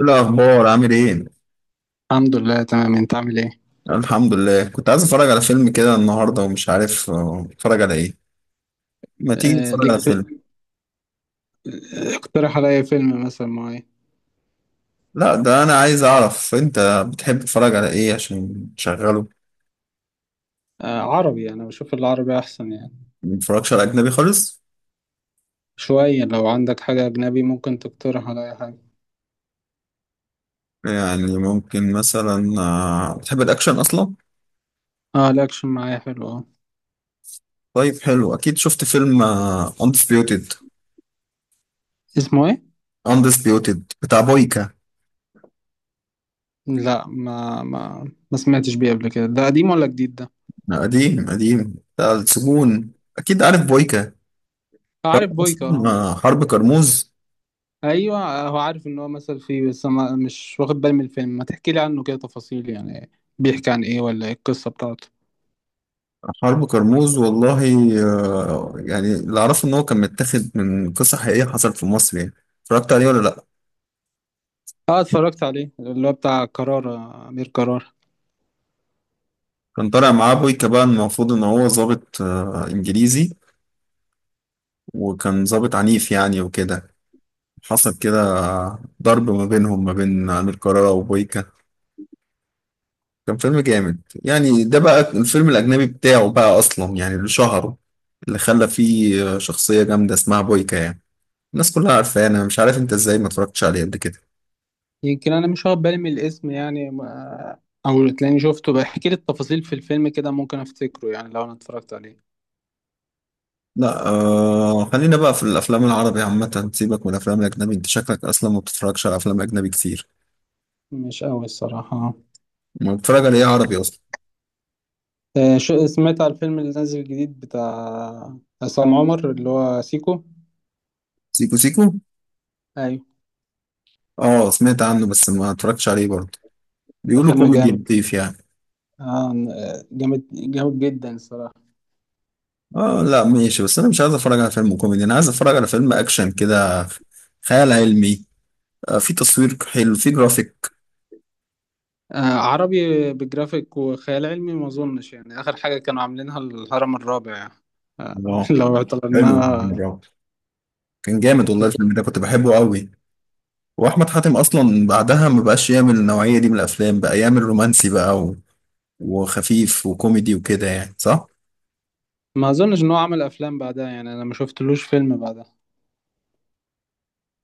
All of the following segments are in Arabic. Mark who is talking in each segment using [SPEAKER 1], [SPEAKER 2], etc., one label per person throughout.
[SPEAKER 1] إيه الأخبار؟ عامل إيه؟
[SPEAKER 2] الحمد لله تمام، انت عامل ايه؟
[SPEAKER 1] الحمد لله، كنت عايز أتفرج على فيلم كده النهاردة ومش عارف أتفرج على إيه. ما تيجي
[SPEAKER 2] آه
[SPEAKER 1] نتفرج على
[SPEAKER 2] ليك.
[SPEAKER 1] فيلم.
[SPEAKER 2] اقترح عليا فيلم مثلا معين.
[SPEAKER 1] لا، ده أنا عايز أعرف أنت بتحب تتفرج على إيه عشان تشغله.
[SPEAKER 2] عربي، انا بشوف العربي احسن يعني.
[SPEAKER 1] ما بتتفرجش على أجنبي خالص؟
[SPEAKER 2] شوية، لو عندك حاجة اجنبي ممكن تقترح عليا حاجة.
[SPEAKER 1] يعني ممكن مثلا، بتحب الأكشن أصلا؟
[SPEAKER 2] اه، الاكشن معايا حلو، اه.
[SPEAKER 1] طيب، حلو. أكيد شفت فيلم Undisputed.
[SPEAKER 2] اسمه ايه؟
[SPEAKER 1] Undisputed بتاع بويكا.
[SPEAKER 2] لا، ما سمعتش بيه قبل كده، ده قديم ولا جديد ده؟
[SPEAKER 1] قديم، قديم، بتاع السجون. أكيد عارف بويكا. عارف
[SPEAKER 2] عارف بويكا،
[SPEAKER 1] أصلاً،
[SPEAKER 2] اه.
[SPEAKER 1] حرب كرموز.
[SPEAKER 2] ايوه، هو عارف ان هو مثل فيه، بس ما مش واخد بالي من الفيلم، ما تحكي لي عنه كده تفاصيل يعني. بيحكي عن ايه ولا ايه القصة بتاعته؟
[SPEAKER 1] حرب كرموز والله. يعني اللي اعرفه ان هو كان متاخد من قصه حقيقيه حصلت في مصر يعني. اتفرجت عليه ولا لا؟
[SPEAKER 2] اه، اتفرجت عليه، اللي هو بتاع قرار، امير قرار.
[SPEAKER 1] كان طالع معاه بويكا، بقى المفروض ان هو ضابط انجليزي، وكان ضابط عنيف يعني وكده. حصل كده ضرب ما بينهم، ما بين امير كرارة وبويكا. كان فيلم جامد يعني. ده بقى الفيلم الاجنبي بتاعه بقى اصلا، يعني اللي شهره، اللي خلى فيه شخصيه جامده اسمها بويكا يعني. الناس كلها عارفاه، انا مش عارف انت ازاي ما اتفرجتش عليه قبل كده.
[SPEAKER 2] يمكن انا مش واخد بالي من الاسم يعني او تلاقيني شفته، بحكي لي التفاصيل في الفيلم كده، ممكن افتكره يعني لو انا اتفرجت عليه.
[SPEAKER 1] لا آه، خلينا بقى في الافلام العربي عامه، سيبك من الافلام الاجنبي. انت شكلك اصلا ما بتتفرجش على افلام اجنبي كتير.
[SPEAKER 2] مش قوي الصراحة.
[SPEAKER 1] ما بتتفرج على ايه عربي اصلا؟
[SPEAKER 2] شو سمعت على الفيلم اللي نازل جديد بتاع عصام عمر اللي هو سيكو؟
[SPEAKER 1] سيكو سيكو.
[SPEAKER 2] ايوه.
[SPEAKER 1] اه، سمعت عنه بس ما اتفرجتش عليه برضه.
[SPEAKER 2] ده
[SPEAKER 1] بيقولوا عجبك،
[SPEAKER 2] فيلم
[SPEAKER 1] كوميدي
[SPEAKER 2] جامد.
[SPEAKER 1] لطيف يعني.
[SPEAKER 2] آه، جامد جامد جدا الصراحة.
[SPEAKER 1] اه لا، ماشي، بس انا مش عايز اتفرج على فيلم كوميدي، انا عايز اتفرج على فيلم اكشن كده، خيال علمي. آه، في تصوير حلو، في جرافيك.
[SPEAKER 2] عربي بجرافيك وخيال علمي ما اظنش، يعني اخر حاجة كانوا عاملينها الهرم الرابع يعني. آه،
[SPEAKER 1] اه،
[SPEAKER 2] لو
[SPEAKER 1] حلو الفيلم
[SPEAKER 2] اعتبرناها.
[SPEAKER 1] ده. كان جامد والله الفيلم ده، كنت بحبه قوي. واحمد حاتم اصلا بعدها ما بقاش يعمل النوعيه دي من الافلام، بقى يعمل رومانسي بقى، وخفيف وكوميدي وكده يعني، صح؟
[SPEAKER 2] ما اظنش ان هو عمل افلام بعدها، يعني انا ما شفتلوش فيلم بعدها.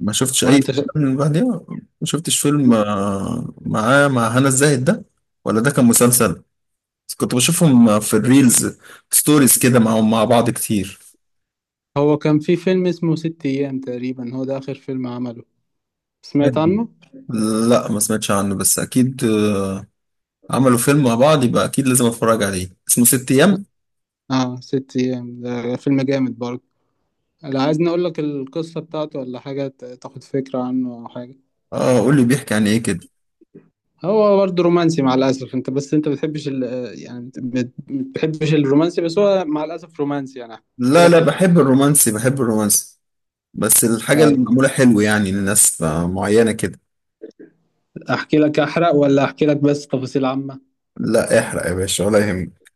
[SPEAKER 1] ما شفتش
[SPEAKER 2] ولا
[SPEAKER 1] أي
[SPEAKER 2] انت؟
[SPEAKER 1] فيلم من بعديها. ما شفتش فيلم معاه مع هنا الزاهد ده، ولا ده كان مسلسل؟ بس كنت بشوفهم في الريلز، ستوريز كده معاهم مع بعض كتير.
[SPEAKER 2] هو كان في فيلم اسمه ست أيام، تقريبا هو ده آخر فيلم عمله. سمعت
[SPEAKER 1] حلو.
[SPEAKER 2] عنه؟
[SPEAKER 1] لا ما سمعتش عنه، بس أكيد عملوا فيلم مع بعض، يبقى أكيد لازم أتفرج عليه. اسمه ست أيام.
[SPEAKER 2] اه، ست أيام ده فيلم جامد برضه. لو عايزني أقول لك القصة بتاعته ولا حاجة، تاخد فكرة عنه أو حاجة.
[SPEAKER 1] اه، قول لي بيحكي عن إيه كده.
[SPEAKER 2] هو برضه رومانسي مع الأسف، أنت بس أنت بتحبش يعني، بتحبش الرومانسي، بس هو مع الأسف رومانسي، يعني أحكي
[SPEAKER 1] لا لا،
[SPEAKER 2] لك
[SPEAKER 1] بحب الرومانسي، بحب الرومانسي، بس الحاجة اللي معمولة
[SPEAKER 2] طيب،
[SPEAKER 1] حلو يعني لناس معينة كده.
[SPEAKER 2] أحكي لك أحرق ولا أحكي لك بس تفاصيل عامة؟
[SPEAKER 1] لا، احرق يا باشا ولا يهمك.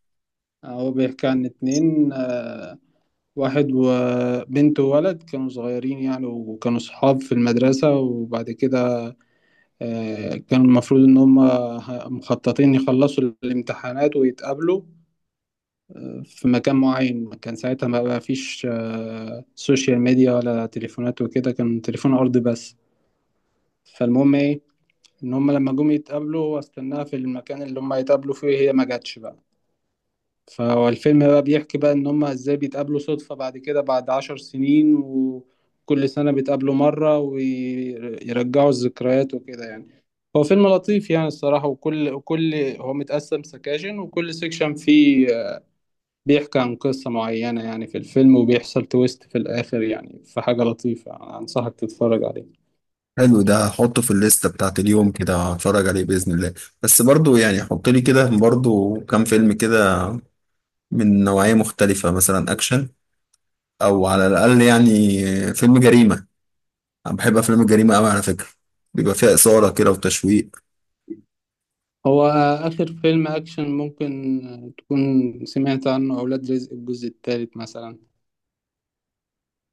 [SPEAKER 2] هو بيحكي عن اتنين، واحد وبنت وولد كانوا صغيرين يعني، وكانوا صحاب في المدرسة، وبعد كده كانوا المفروض إن هم مخططين يخلصوا الامتحانات ويتقابلوا في مكان معين. كان ساعتها ما بقى فيش سوشيال ميديا ولا تليفونات وكده، كان تليفون أرضي بس. فالمهم إيه، إن هم لما جم يتقابلوا هو استناها في المكان اللي هم يتقابلوا فيه، هي ما جاتش بقى. فهو الفيلم بقى بيحكي بقى ان هما ازاي بيتقابلوا صدفة بعد كده، بعد 10 سنين، وكل سنة بيتقابلوا مرة ويرجعوا الذكريات وكده يعني. هو فيلم لطيف يعني الصراحة، وكل هو متقسم سكاشن، وكل سكشن فيه بيحكي عن قصة معينة يعني في الفيلم، وبيحصل تويست في الآخر، يعني في حاجة لطيفة، أنصحك تتفرج عليه.
[SPEAKER 1] حلو، ده هحطه في الليستة بتاعت اليوم كده، هتفرج عليه بإذن الله. بس برضو يعني حط لي كده برضو كام فيلم كده من نوعية مختلفة، مثلا أكشن، أو على الأقل يعني فيلم جريمة. أنا بحب أفلام الجريمة أوي على فكرة، بيبقى فيها إثارة كده وتشويق.
[SPEAKER 2] هو آخر فيلم أكشن ممكن تكون سمعت عنه أولاد رزق الجزء الثالث مثلا.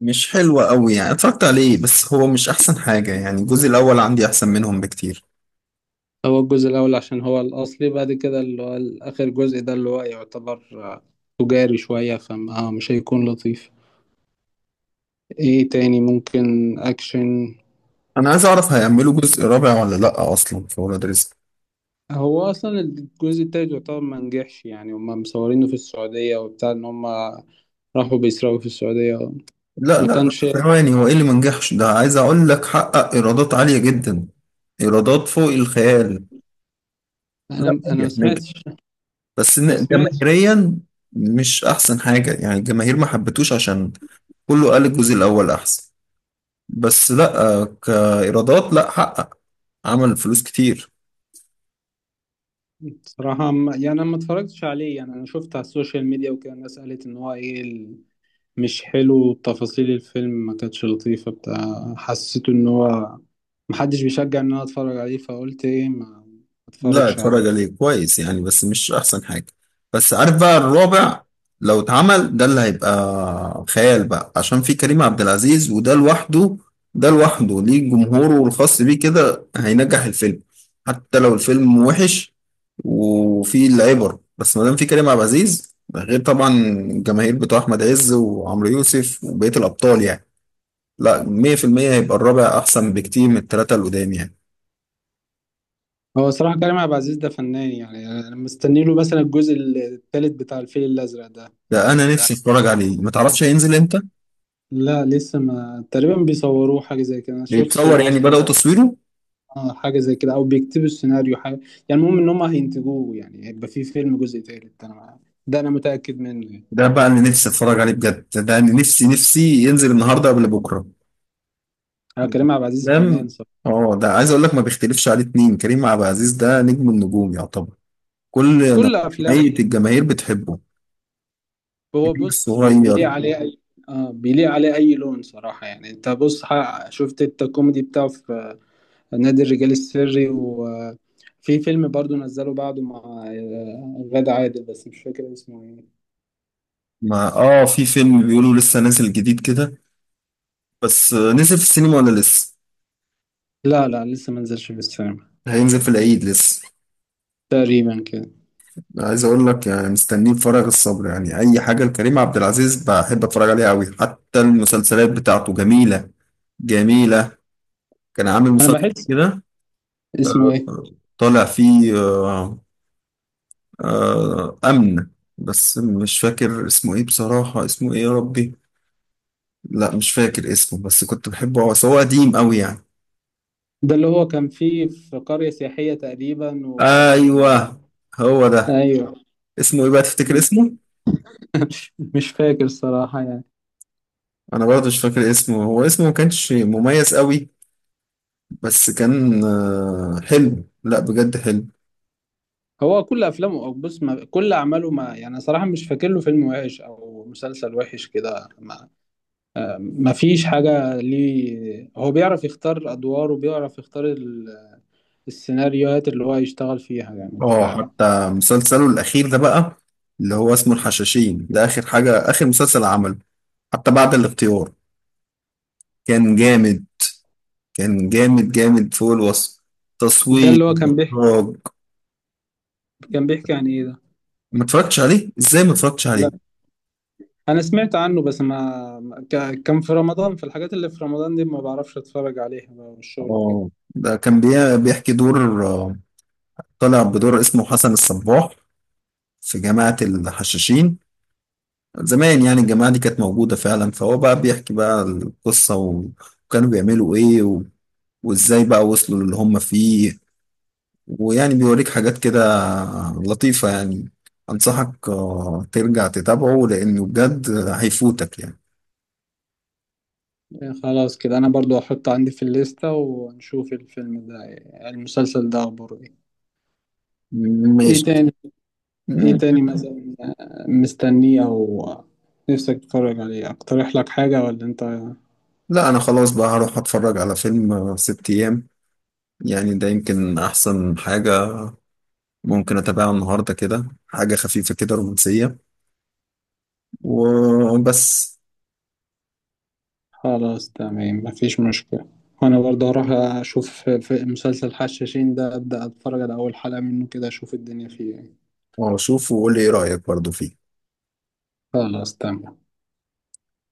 [SPEAKER 1] مش حلوة أوي يعني، اتفرجت عليه بس هو مش أحسن حاجة، يعني الجزء الأول عندي أحسن منهم بكتير.
[SPEAKER 2] هو الجزء الأول عشان هو الأصلي، بعد كده اللي هو آخر جزء ده اللي هو يعتبر تجاري شوية، فمش هيكون لطيف. إيه تاني ممكن أكشن؟
[SPEAKER 1] أنا عايز أعرف هيعملوا جزء رابع ولا لأ أصلا في ولاد رزق؟
[SPEAKER 2] هو أصلا الجزء التالت يعتبر ما نجحش، يعني هما مصورينه في السعودية وبتاع إن هما راحوا بيسرقوا في السعودية.
[SPEAKER 1] لا
[SPEAKER 2] ما
[SPEAKER 1] لا،
[SPEAKER 2] كانش.
[SPEAKER 1] ثواني، هو ايه اللي منجحش ده؟ عايز اقول لك حقق ايرادات عالية جدا، ايرادات فوق الخيال.
[SPEAKER 2] أنا
[SPEAKER 1] لا،
[SPEAKER 2] أنا ما
[SPEAKER 1] نجح نجح،
[SPEAKER 2] سمعتش.
[SPEAKER 1] بس
[SPEAKER 2] ما سمعتش.
[SPEAKER 1] جماهيريا مش احسن حاجة يعني. الجماهير ما حبتوش، عشان كله قال الجزء الاول احسن، بس لا كايرادات لا، حقق، عمل فلوس كتير.
[SPEAKER 2] بصراحة يعني أنا ما اتفرجتش عليه، يعني أنا شفت على السوشيال ميديا وكده، الناس قالت إن هو إيه، مش حلو، تفاصيل الفيلم ما كانتش لطيفة بتاع، حسيت ان هو محدش بيشجع ان انا اتفرج عليه، فقلت ايه ما ما
[SPEAKER 1] لا،
[SPEAKER 2] اتفرجش عليه.
[SPEAKER 1] اتفرج عليه كويس يعني، بس مش احسن حاجة. بس عارف بقى الرابع لو اتعمل، ده اللي هيبقى خيال بقى، عشان في كريم عبد العزيز. وده لوحده، ده لوحده ليه جمهوره الخاص بيه كده، هينجح الفيلم حتى لو الفيلم وحش وفيه العبر، بس ما دام في كريم عبد العزيز ده، غير طبعا الجماهير بتوع احمد عز وعمرو يوسف وبقية الابطال يعني. لا، 100% هيبقى الرابع احسن بكتير من الثلاثة اللي قدام يعني.
[SPEAKER 2] هو صراحة كريم عبد العزيز ده فنان، يعني انا مستني له مثلا الجزء الثالث بتاع الفيل الازرق ده،
[SPEAKER 1] ده
[SPEAKER 2] يعني
[SPEAKER 1] انا
[SPEAKER 2] ده
[SPEAKER 1] نفسي اتفرج عليه، ما تعرفش هينزل امتى؟
[SPEAKER 2] لا لسه، ما تقريبا بيصوروه حاجة زي كده، انا شفت
[SPEAKER 1] بيتصور يعني، بدأوا
[SPEAKER 2] بوستر.
[SPEAKER 1] تصويره؟
[SPEAKER 2] اه، حاجة زي كده او بيكتبوا السيناريو حاجة. يعني المهم ان هم هينتجوه، يعني هيبقى فيه فيلم جزء ثالث، انا ده انا متأكد منه يعني.
[SPEAKER 1] ده بقى اللي نفسي اتفرج عليه بجد، ده اللي نفسي نفسي ينزل النهارده قبل بكره.
[SPEAKER 2] انا كريم عبد العزيز فنان
[SPEAKER 1] لم.
[SPEAKER 2] صراحة.
[SPEAKER 1] اه، ده عايز اقول لك ما بيختلفش عليه اتنين، كريم عبد العزيز ده نجم النجوم يعتبر، كل
[SPEAKER 2] كل افلامه،
[SPEAKER 1] نوعية الجماهير بتحبه،
[SPEAKER 2] هو
[SPEAKER 1] كبير
[SPEAKER 2] بص
[SPEAKER 1] صغير.
[SPEAKER 2] بيليق عليه اي. اه، بيليق عليه اي لون صراحه، يعني انت بص شفت انت الكوميدي بتاعه في نادي الرجال السري، وفي فيلم برضو نزله بعده مع غادة عادل، بس مش فاكر اسمه ايه.
[SPEAKER 1] ما اه، في فيلم بيقولوا لسه نازل جديد كده، بس نزل في السينما ولا لسه
[SPEAKER 2] لا لا، لسه ما نزلش في السينما.
[SPEAKER 1] هينزل في العيد لسه؟
[SPEAKER 2] تقريبا كده.
[SPEAKER 1] عايز اقول لك يعني مستنيه بفارغ الصبر، يعني اي حاجه لكريم عبد العزيز بحب اتفرج عليها قوي، حتى المسلسلات بتاعته جميله، جميلة. كان عامل
[SPEAKER 2] انا
[SPEAKER 1] مسلسل
[SPEAKER 2] بحس.
[SPEAKER 1] كده،
[SPEAKER 2] اسمه ايه؟
[SPEAKER 1] طالع فيه آه، آه، أمن، بس مش فاكر اسمه إيه بصراحة. اسمه إيه يا ربي؟ لا، مش فاكر اسمه، بس كنت بحبه. هو قديم أوي يعني.
[SPEAKER 2] ده اللي هو كان فيه في قريه سياحيه تقريبا، وكان
[SPEAKER 1] أيوه، هو ده.
[SPEAKER 2] ايوه.
[SPEAKER 1] اسمه إيه بقى تفتكر
[SPEAKER 2] مش
[SPEAKER 1] اسمه؟
[SPEAKER 2] مش فاكر صراحه يعني.
[SPEAKER 1] أنا برضه مش فاكر اسمه، هو اسمه ما كانش مميز أوي، بس كان آه، حلو، لا بجد حلو.
[SPEAKER 2] هو كل افلامه او بص ما كل اعماله، ما يعني صراحه مش فاكر له فيلم وحش او مسلسل وحش كده، ما فيش حاجه ليه، هو بيعرف يختار ادواره وبيعرف يختار السيناريوهات اللي هو يشتغل فيها يعني
[SPEAKER 1] اه،
[SPEAKER 2] فده.
[SPEAKER 1] حتى مسلسله الأخير ده بقى اللي هو اسمه الحشاشين، ده آخر حاجة، آخر مسلسل عمله حتى بعد الاختيار. كان جامد، كان جامد جامد فوق الوصف، تصوير،
[SPEAKER 2] اللي هو كان بيحكي
[SPEAKER 1] إخراج.
[SPEAKER 2] كان بيحكي عن ايه ده؟
[SPEAKER 1] ما اتفرجتش عليه؟ ازاي ما اتفرجتش
[SPEAKER 2] لا،
[SPEAKER 1] عليه؟
[SPEAKER 2] انا سمعت عنه بس كان في رمضان، في الحاجات اللي في رمضان دي ما بعرفش اتفرج عليها بقى، والشغل وكده.
[SPEAKER 1] اه، ده كان بيحكي دور طالع بدور اسمه حسن الصباح، في جماعة الحشاشين زمان يعني. الجماعة دي كانت موجودة فعلا، فهو بقى بيحكي بقى القصة، و- وكانوا بيعملوا ايه، و... وازاي بقى وصلوا للي هم فيه، ويعني بيوريك حاجات كده لطيفة يعني. أنصحك ترجع تتابعه، لأنه بجد هيفوتك يعني.
[SPEAKER 2] يعني خلاص كده انا برضو هحطه عندي في الليسته ونشوف الفيلم ده. المسلسل ده اخباره ايه؟ ايه
[SPEAKER 1] ماشي.
[SPEAKER 2] تاني؟ ايه
[SPEAKER 1] مم.
[SPEAKER 2] تاني مثلا؟ مستنيه او نفسك تتفرج عليه اقترح لك حاجة ولا انت؟
[SPEAKER 1] لا، أنا خلاص بقى هروح أتفرج على فيلم ست أيام، يعني ده يمكن أحسن حاجة، ممكن أتابعها النهاردة كده، حاجة خفيفة كده رومانسية وبس.
[SPEAKER 2] خلاص تمام، مفيش مشكلة. وانا برضه هروح اشوف في مسلسل حشاشين ده، ابدا اتفرج على اول حلقة منه كده، اشوف الدنيا فيه ايه.
[SPEAKER 1] وأشوف وقول لي إيه رأيك برضو فيه.
[SPEAKER 2] خلاص تمام.